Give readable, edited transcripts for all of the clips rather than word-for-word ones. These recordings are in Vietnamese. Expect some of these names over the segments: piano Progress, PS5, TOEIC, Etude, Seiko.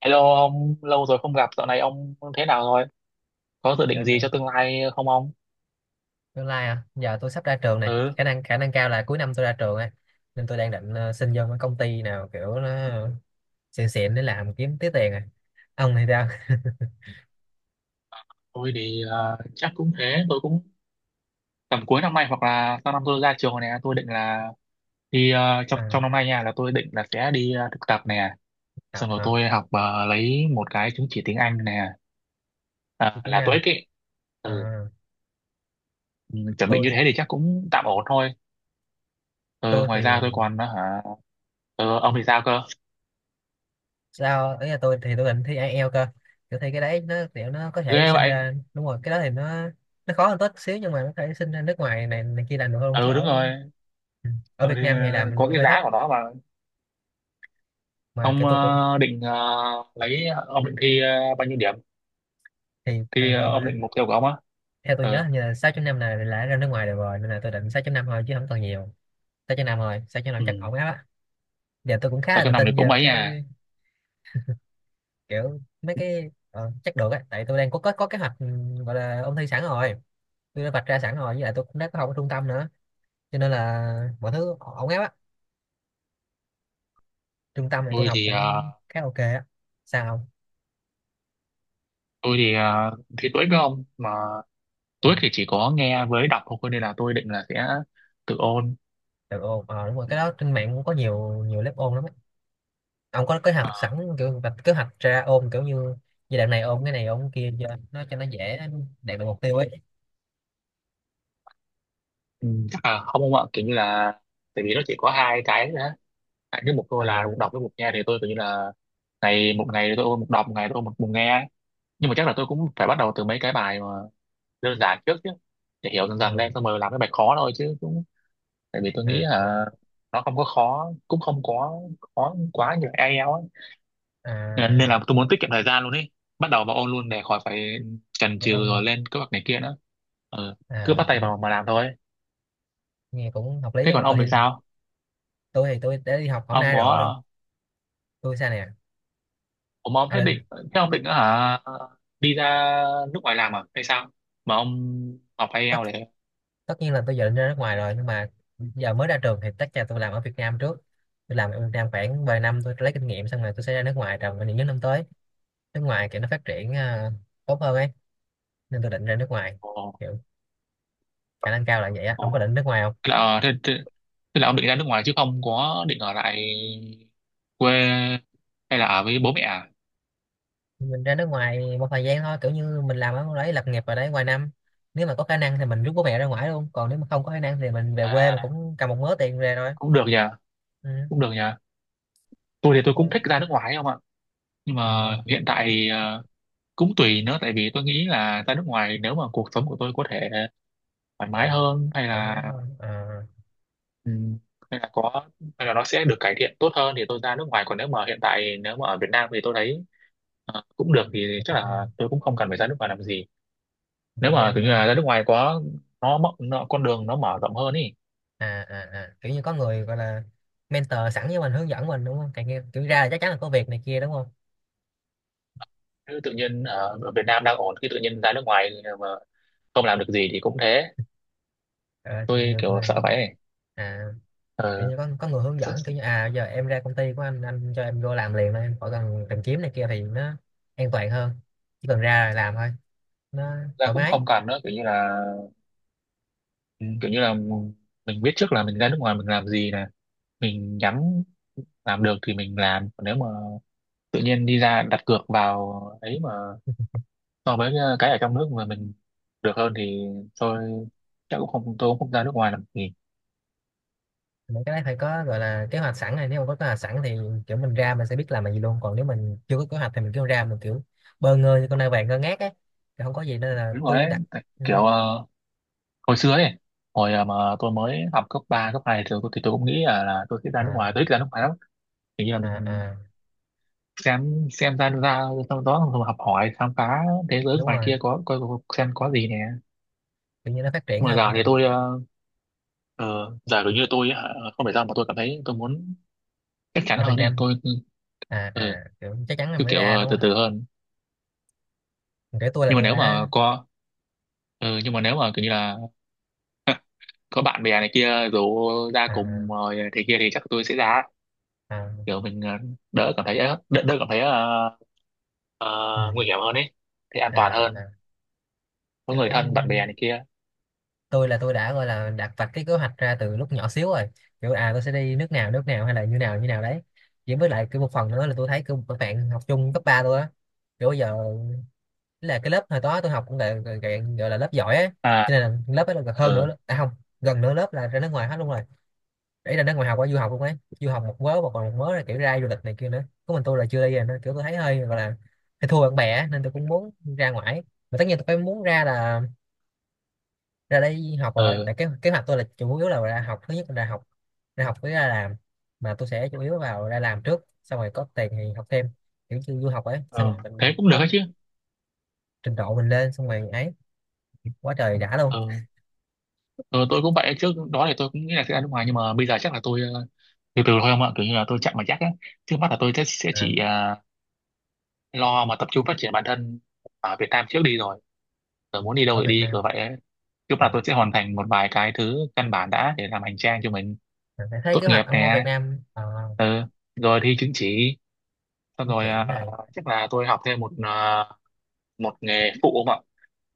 Hello ông, lâu rồi không gặp, dạo này ông thế nào rồi? Có dự Cái định gì này cho tương lai không ông? tương lai à, giờ tôi sắp ra trường này, Ừ, khả năng cao là cuối năm tôi ra trường ấy, nên tôi đang định xin vô cái công ty nào kiểu nó xịn xịn để làm kiếm tí tiền à. Ông thì sao? tôi thì chắc cũng thế, tôi cũng tầm cuối năm nay hoặc là sau năm tôi ra trường này, tôi định là đi trong À, trong năm nay nha, là tôi định là sẽ đi thực tập nè, học xong rồi hả? tôi học lấy một cái chứng chỉ tiếng Anh nè, Thi à, tiếng là Anh. TOEIC ấy. À, Ừ, ừ, chuẩn bị như tôi thế thì chắc cũng tạm ổn thôi. Ừ, tôi ngoài thì ra tôi còn hả? Ừ, ông thì sao cơ? sao ấy, là tôi thì tôi định thi IELTS cơ. Kiểu thi cái đấy nó kiểu nó có thể Ghê sinh vậy. ra đúng rồi, cái đó thì nó khó hơn tốt xíu nhưng mà nó có thể sinh ra nước ngoài này này kia làm được hơn chứ Ừ, đúng ở. rồi. Ừ. Ở Ừ, Việt thì Nam thì làm mình có luôn cái hơi thấp, giá của nó mà. mà cái Ông tôi cũng định lấy ông định thi bao nhiêu điểm, thì thi thường thường, ông định mục tiêu của ông á. theo tôi nhớ Ừ. hình như là 6 năm này là ra nước ngoài được rồi, nên là tôi định 6 năm thôi chứ không cần nhiều. 6.5 rồi, 6 năm Ừ, chắc ổn áp á. Giờ tôi cũng khá vào là trong tự năm thì tin cũng vào mấy à. cái kiểu mấy cái, chắc được á, tại tôi đang có kế hoạch, gọi là ôn thi sẵn rồi. Tôi đã vạch ra sẵn rồi, với lại tôi cũng đã có học ở trung tâm nữa, cho nên là mọi thứ ổn áp á. Trung tâm này tôi Tôi học thì cũng khá ok á. Sao không? tôi thì thi TOEIC với ông mà. Ừ, TOEIC thì chỉ có nghe với đọc thôi nên là tôi định là sẽ tự ôn. được ôn, đúng rồi, Ừ. cái đó trên mạng cũng có nhiều nhiều lớp ôn lắm á. Ông có kế hoạch sẵn, kiểu vạch kế hoạch ra ôn, kiểu như giai đoạn này ôn cái kia cho nó dễ đạt được mục tiêu ấy. Ừ, chắc là không ông ạ, kiểu như là tại vì nó chỉ có hai cái nữa, hai cái mục thôi, là mục À, đọc với mục nghe, thì tôi kiểu như là ngày một, ngày tôi ôn mục đọc, một ngày tôi ôn mục nghe. Nhưng mà chắc là tôi cũng phải bắt đầu từ mấy cái bài mà đơn giản trước chứ, để hiểu dần dần lên à, xong rồi làm cái bài khó thôi chứ, cũng tại vì tôi à, nghĩ à, là nó không có khó, cũng không có khó quá như ai eo ấy. à, Nên nên à. là tôi muốn tiết kiệm thời gian luôn ấy, bắt đầu vào ôn luôn để khỏi phải chần Bộ chừ ôn rồi luôn lên kế hoạch này kia nữa. Ừ. Cứ bắt tay à? vào mà làm thôi. Nghe cũng hợp lý Thế á, mà còn tôi ông thì thì, sao? Tôi đã đi học hôm Ông nay rồi. có, Tôi sao nè? ông mà ông à, thế lên- định, thế ông định nữa hả? Đi ra nước ngoài làm à hay sao mà ông học ai tất eo để. Tất nhiên là tôi giờ định ra nước ngoài rồi, nhưng mà giờ mới ra trường thì tất cả tôi làm ở Việt Nam trước. Tôi làm ở Việt Nam khoảng vài năm, tôi lấy kinh nghiệm xong rồi tôi sẽ ra nước ngoài trong những năm tới. Nước ngoài kiểu nó phát triển, tốt hơn ấy, nên tôi định ra nước ngoài. Kiểu khả năng cao là vậy á, Ừ. không có định nước ngoài không. Thế là thế là ông định ra nước ngoài chứ không có định ở lại quê hay là ở với bố mẹ à? Mình ra nước ngoài một thời gian thôi, kiểu như mình làm ở đấy, lập nghiệp ở đấy vài năm, nếu mà có khả năng thì mình rút bố mẹ ra ngoài luôn, còn nếu mà không có khả năng thì mình về quê mình À, cũng cầm một mớ tiền về rồi. cũng được nhờ, Ừ. cũng được nhờ. Tôi thì kiểu tôi cũng tôi- thích ra nước ngoài không ạ, nhưng mà À, hiện tại thì cũng tùy nữa, tại vì tôi nghĩ là ra nước ngoài nếu mà cuộc sống của tôi có thể thoải gọi mái là hơn, thoải mái hơn à. ừm, hay là có, hay là nó sẽ được cải thiện tốt hơn thì tôi ra nước ngoài, còn nếu mà hiện tại nếu mà ở Việt Nam thì tôi thấy cũng được thì chắc Việt là Nam, tôi cũng không cần phải ra nước ngoài làm gì. Nếu Việt mà Nam kiểu như thôi. là ra nước ngoài quá, nó mất nó, con đường nó mở rộng hơn ý, À, à, à. Kiểu như có người gọi là mentor sẵn với mình, hướng dẫn mình đúng không, càng nghe kiểu ra là chắc chắn là có việc này kia đúng không. chứ tự nhiên ở ở Việt Nam đang ổn khi tự nhiên ra nước ngoài mà không làm được gì thì cũng thế, Ờ, thì tôi được kiểu rồi. sợ vậy ấy. À, kiểu ờ, như có người hướng sợ- dẫn, kiểu như à giờ em ra công ty của anh cho em vô làm liền thôi, em khỏi cần tìm kiếm này kia, thì nó an toàn hơn. Chỉ cần ra là làm thôi. Nó Ra thoải cũng mái. không cần nữa, kiểu như là ừ, kiểu như là mình biết trước là mình ra nước ngoài mình làm gì nè, mình nhắm làm được thì mình làm, còn nếu mà tự nhiên đi ra đặt cược vào ấy mà so với cái ở trong nước mà mình được hơn thì tôi chắc cũng không, tôi cũng không ra nước ngoài làm gì. Những cái đấy phải có gọi là kế hoạch sẵn này, nếu mà có kế hoạch sẵn thì kiểu mình ra mình sẽ biết làm là gì luôn, còn nếu mình chưa có kế hoạch thì mình cứ ra mình kiểu bơ ngơ như con nai vàng ngơ ngác ấy, thì không có gì, nên là Đúng rồi tôi mới đấy, đặt. Ừ. kiểu hồi xưa ấy, hồi à, mà tôi mới học cấp 3, cấp 2 thì thì tôi cũng nghĩ là tôi sẽ ra nước ngoài, À, tôi thích ra nước ngoài lắm, kiểu như là à, mình à. xem ra ra sau đó rồi học hỏi khám phá thế giới Đúng ngoài rồi, kia xem có gì nè. kiểu như nó phát triển Nhưng mà giờ hơn thì mình. tôi giờ kiểu như tôi hả, không phải sao mà tôi cảm thấy tôi muốn chắc chắn Ở Việt hơn ấy, Nam. tôi À, ừ, à, kiểu chắc chắn là cứ mới kiểu ra đúng từ không. từ hơn. Kể tôi là Nhưng mà tôi nếu đã. mà có ừ, nhưng mà nếu mà kiểu như là có bạn bè này kia rủ ra cùng À, rồi thế kia thì chắc tôi sẽ ra, à. kiểu mình đỡ cảm thấy đỡ cảm thấy Ừ. ờ, nguy hiểm hơn ấy, thì an À, toàn hơn, à, có kiểu người thân bạn bè này kia. tôi là tôi đã gọi là đặt vạch cái kế hoạch ra từ lúc nhỏ xíu rồi. Kiểu à tôi sẽ đi nước nào hay là như nào đấy. Chỉ với lại cái một phần nữa là tôi thấy kiểu các bạn học chung cấp 3 tôi á, kiểu bây giờ là cái lớp hồi đó tôi học cũng là gọi, gọi gọi là lớp giỏi á. Cho à nên là lớp ấy là gần hơn ờ nữa, à không, gần nửa lớp là ra nước ngoài hết luôn rồi. Để ra nước ngoài học, qua du học luôn ấy, du học một mớ và còn một mớ là kiểu ra du lịch này kia nữa, có mình tôi là chưa đi rồi, nên kiểu tôi thấy hơi gọi là hơi thua bạn bè á, nên tôi cũng muốn ra ngoài. Mà tất nhiên tôi phải muốn ra là ra đây học rồi. Ừ. Tại ờ kế hoạch tôi là chủ yếu là ra học, thứ nhất là ra học, ra học với ra làm, mà tôi sẽ chủ yếu vào ra làm trước xong rồi có tiền thì học thêm, kiểu như du học ấy, xong ờ rồi mình Thế cũng được ấy tăng chứ. trình độ mình lên xong rồi ấy, quá trời đã luôn. ờ ờ tôi cũng vậy, trước đó thì tôi cũng nghĩ là sẽ ra nước ngoài nhưng mà bây giờ chắc là tôi từ từ thôi không ạ, kiểu như là tôi chậm mà chắc á. Trước mắt là tôi sẽ À, chỉ lo mà tập trung phát triển bản thân ở Việt Nam trước đi rồi rồi muốn đi đâu ở thì Việt đi, Nam. kiểu vậy ấy. Trước mắt À, là tôi sẽ hoàn thành một vài cái thứ căn bản đã, để làm hành trang cho mình. mình sẽ thấy Tốt kế nghiệp hoạch ông ở Việt nè, Nam, ờ rồi thi chứng chỉ, xong chính rồi trị này, chắc là tôi học thêm một nghề phụ không ạ.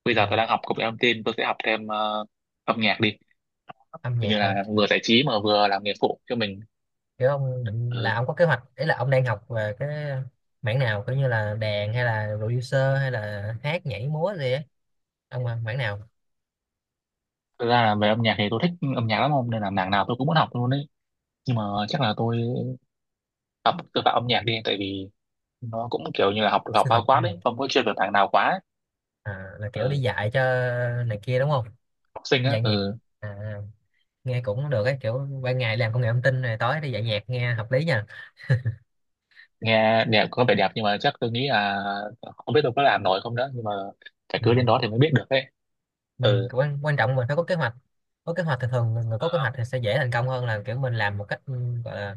Bây ờ, giờ tôi đang học công nghệ thông tin, tôi sẽ học thêm âm nhạc đi. âm Coi nhạc như là hả? vừa giải trí mà vừa làm nghề phụ cho mình. Kiểu ông định là Ừ. ông có kế hoạch, ý là ông đang học về cái mảng nào? Kiểu như là đàn hay là producer hay là hát nhảy múa gì ấy. Ông mảng nào? Thực ra là về âm nhạc thì tôi thích âm nhạc lắm không, nên là mảng nào tôi cũng muốn học luôn đấy, nhưng mà chắc là tôi học, tôi vào âm nhạc đi tại vì nó cũng kiểu như là học học Sư bao phạm quát âm nhạc. đấy, không có chuyên về mảng nào quá ấy. À, là kiểu đi Ừ. dạy cho này kia đúng không. Học sinh Đi á, dạy nhạc. ừ. À, nghe cũng được ấy, kiểu ban ngày làm công nghệ thông tin này tối đi dạy nhạc nghe hợp lý nha. Nghe đẹp, có vẻ đẹp nhưng mà chắc tôi nghĩ là không biết tôi có làm nổi không đó, nhưng mà phải cứ đến Ừ. đó thì mới biết được đấy. Mình Ừ. quan quan trọng mình phải có kế hoạch, có kế hoạch thì thường người có kế hoạch thì sẽ dễ thành công hơn là kiểu mình làm một cách, gọi là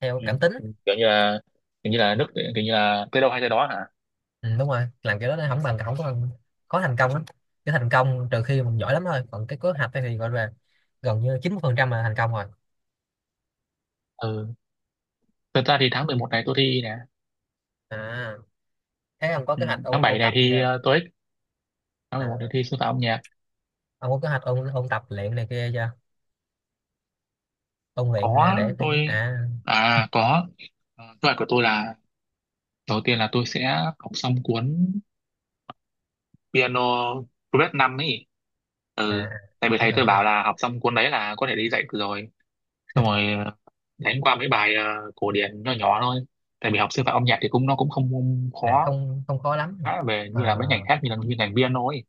theo Ừ. cảm tính. Kiểu như là, kiểu như là nước, kiểu như là tới đâu hay tới đó hả. Ừ, đúng rồi, làm kiểu đó nó không bằng, không có bằng, khó thành công lắm. Cái thành công trừ khi mình giỏi lắm thôi, còn cái kế hoạch ấy thì gọi là gần như 90% là thành công rồi. Ừ, thật ra thì tháng 11 này tôi thi nè. À, thế ông có Ừ. kế hoạch ôn tháng 7 ôn này tập gì thi chưa? TOEIC, tháng 11 này À, thi sư phạm âm nhạc. ông có kế hoạch ôn ôn tập luyện này kia chưa? Ôn luyện à, Có. để thi Tôi à. à, có. Ờ, kế hoạch của tôi là đầu tiên là tôi sẽ học xong cuốn piano Progress 5 ấy. À, Ừ. Tại vì biết thầy rồi tôi biết rồi. bảo là học xong cuốn đấy là có thể đi dạy được rồi, xong rồi đánh qua mấy bài cổ điển nhỏ nhỏ thôi, tại vì học sư phạm âm nhạc thì cũng, nó cũng không À khó không không khó lắm. về À, như là mấy ngành khác như là như ngành piano ấy,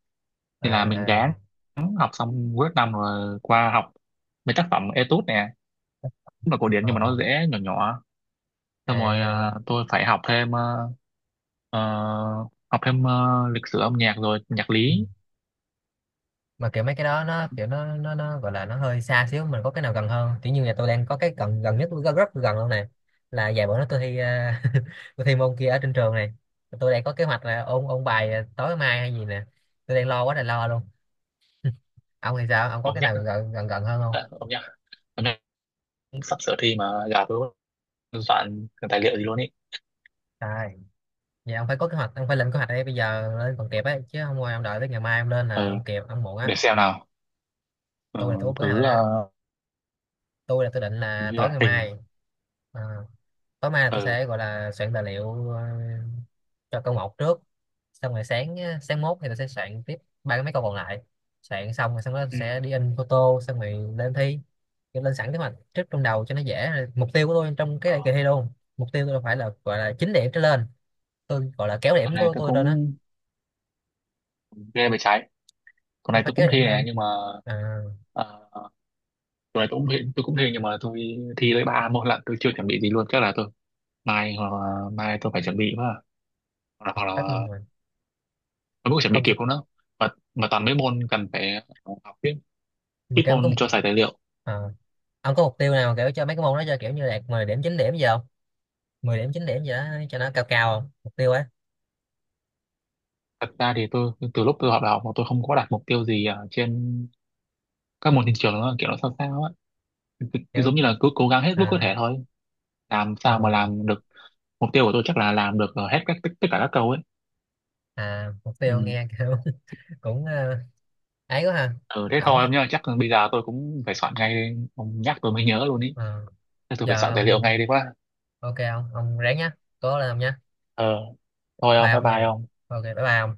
à, thì là mình à, gán học xong cuối năm rồi qua học mấy tác phẩm Etude nè, cũng là cổ điển nhưng mà ờ, nó dễ, nhỏ nhỏ. Xong rồi à. tôi phải học thêm ờ, học thêm lịch sử âm nhạc rồi nhạc Ừ. lý. Mà kiểu mấy cái đó nó kiểu nó gọi là nó hơi xa xíu. Mình có cái nào gần hơn không? Kiểu như nhà tôi đang có cái gần gần nhất, rất, rất gần luôn này, là vài bữa nữa tôi thi, tôi thi môn kia ở trên trường này. Tôi đang có kế hoạch là ôn ôn bài tối mai hay gì nè. Tôi đang lo quá là lo luôn. Ông thì sao, ông có âm cái nhạc nào gần gần gần hơn không? âm nhạc Âm nhạc cũng sắp sửa thi mà, gà tôi cũng soạn cái tài liệu gì luôn ý. À, vậy ông phải có kế hoạch, ông phải lên kế hoạch đây, bây giờ lên còn kịp ấy, chứ không thôi ông đợi tới ngày mai ông lên là Ừ, ông kịp, ông muộn á. để xem nào. Ừ, Tôi là tôi có kế hoạch thứ rồi đó. ờ, Tôi là tôi định hình là như tối là ngày hình. mai, à, tối mai là tôi Ừ. sẽ gọi là soạn tài liệu cho câu một trước, xong rồi sáng á, sáng mốt thì tôi sẽ soạn tiếp ba cái mấy câu còn lại. Soạn xong rồi xong đó Ừ. sẽ đi in photo xong rồi lên thi. Kiểu lên sẵn kế hoạch trước trong đầu cho nó dễ. Mục tiêu của tôi trong cái kỳ thi luôn, mục tiêu tôi là phải là gọi là 9 điểm trở lên. Tôi gọi là kéo Tuần điểm này của tôi tôi lên á, cũng ghê về trái, tuần không này phải tôi cũng kéo điểm thi nè lên. nhưng mà À, ờ, rồi tôi cũng hình nhưng mà tôi thi tới ba môn lận, tôi chưa chuẩn bị gì luôn, chắc là tôi mai, hoặc là mai tôi phải chuẩn bị quá à. hoặc là, hoặc tất nhiên là rồi, tôi cũng chuẩn bị không chứ. kịp không đó. Mà mà toàn mấy môn cần phải học tiếp, Mà ít kiểu ông có môn một, cho xài tài liệu. à, ông có mục tiêu nào kiểu cho mấy cái môn đó cho kiểu như đạt 10 điểm 9 điểm gì không? 10 điểm 9 điểm gì đó cho nó cao cao không, mục tiêu ấy Thật ra thì tôi từ lúc tôi học đại học mà tôi không có đặt mục tiêu gì ở trên các môn trên trường nữa, kiểu nó sao sao á. Cứ kiểu. giống như là cứ cố gắng hết lúc có À, thể thôi, làm sao mà à, làm được. Mục tiêu của tôi chắc là làm được hết các tất cả các câu ấy. à, mục Ừ. tiêu nghe kiểu cũng, ấy quá ha. Ừ, thế Ổn thôi á. ông nhá, chắc bây giờ tôi cũng phải soạn ngay đây, ông nhắc tôi mới nhớ luôn ý. Ờ, Thế tôi phải giờ soạn tài liệu ông- ngay đi quá. ok không? Ông ráng nhá, cố lên ông nhá. Ờ, thôi ông, Bao bye nha, bye ông. ok bye bye ông.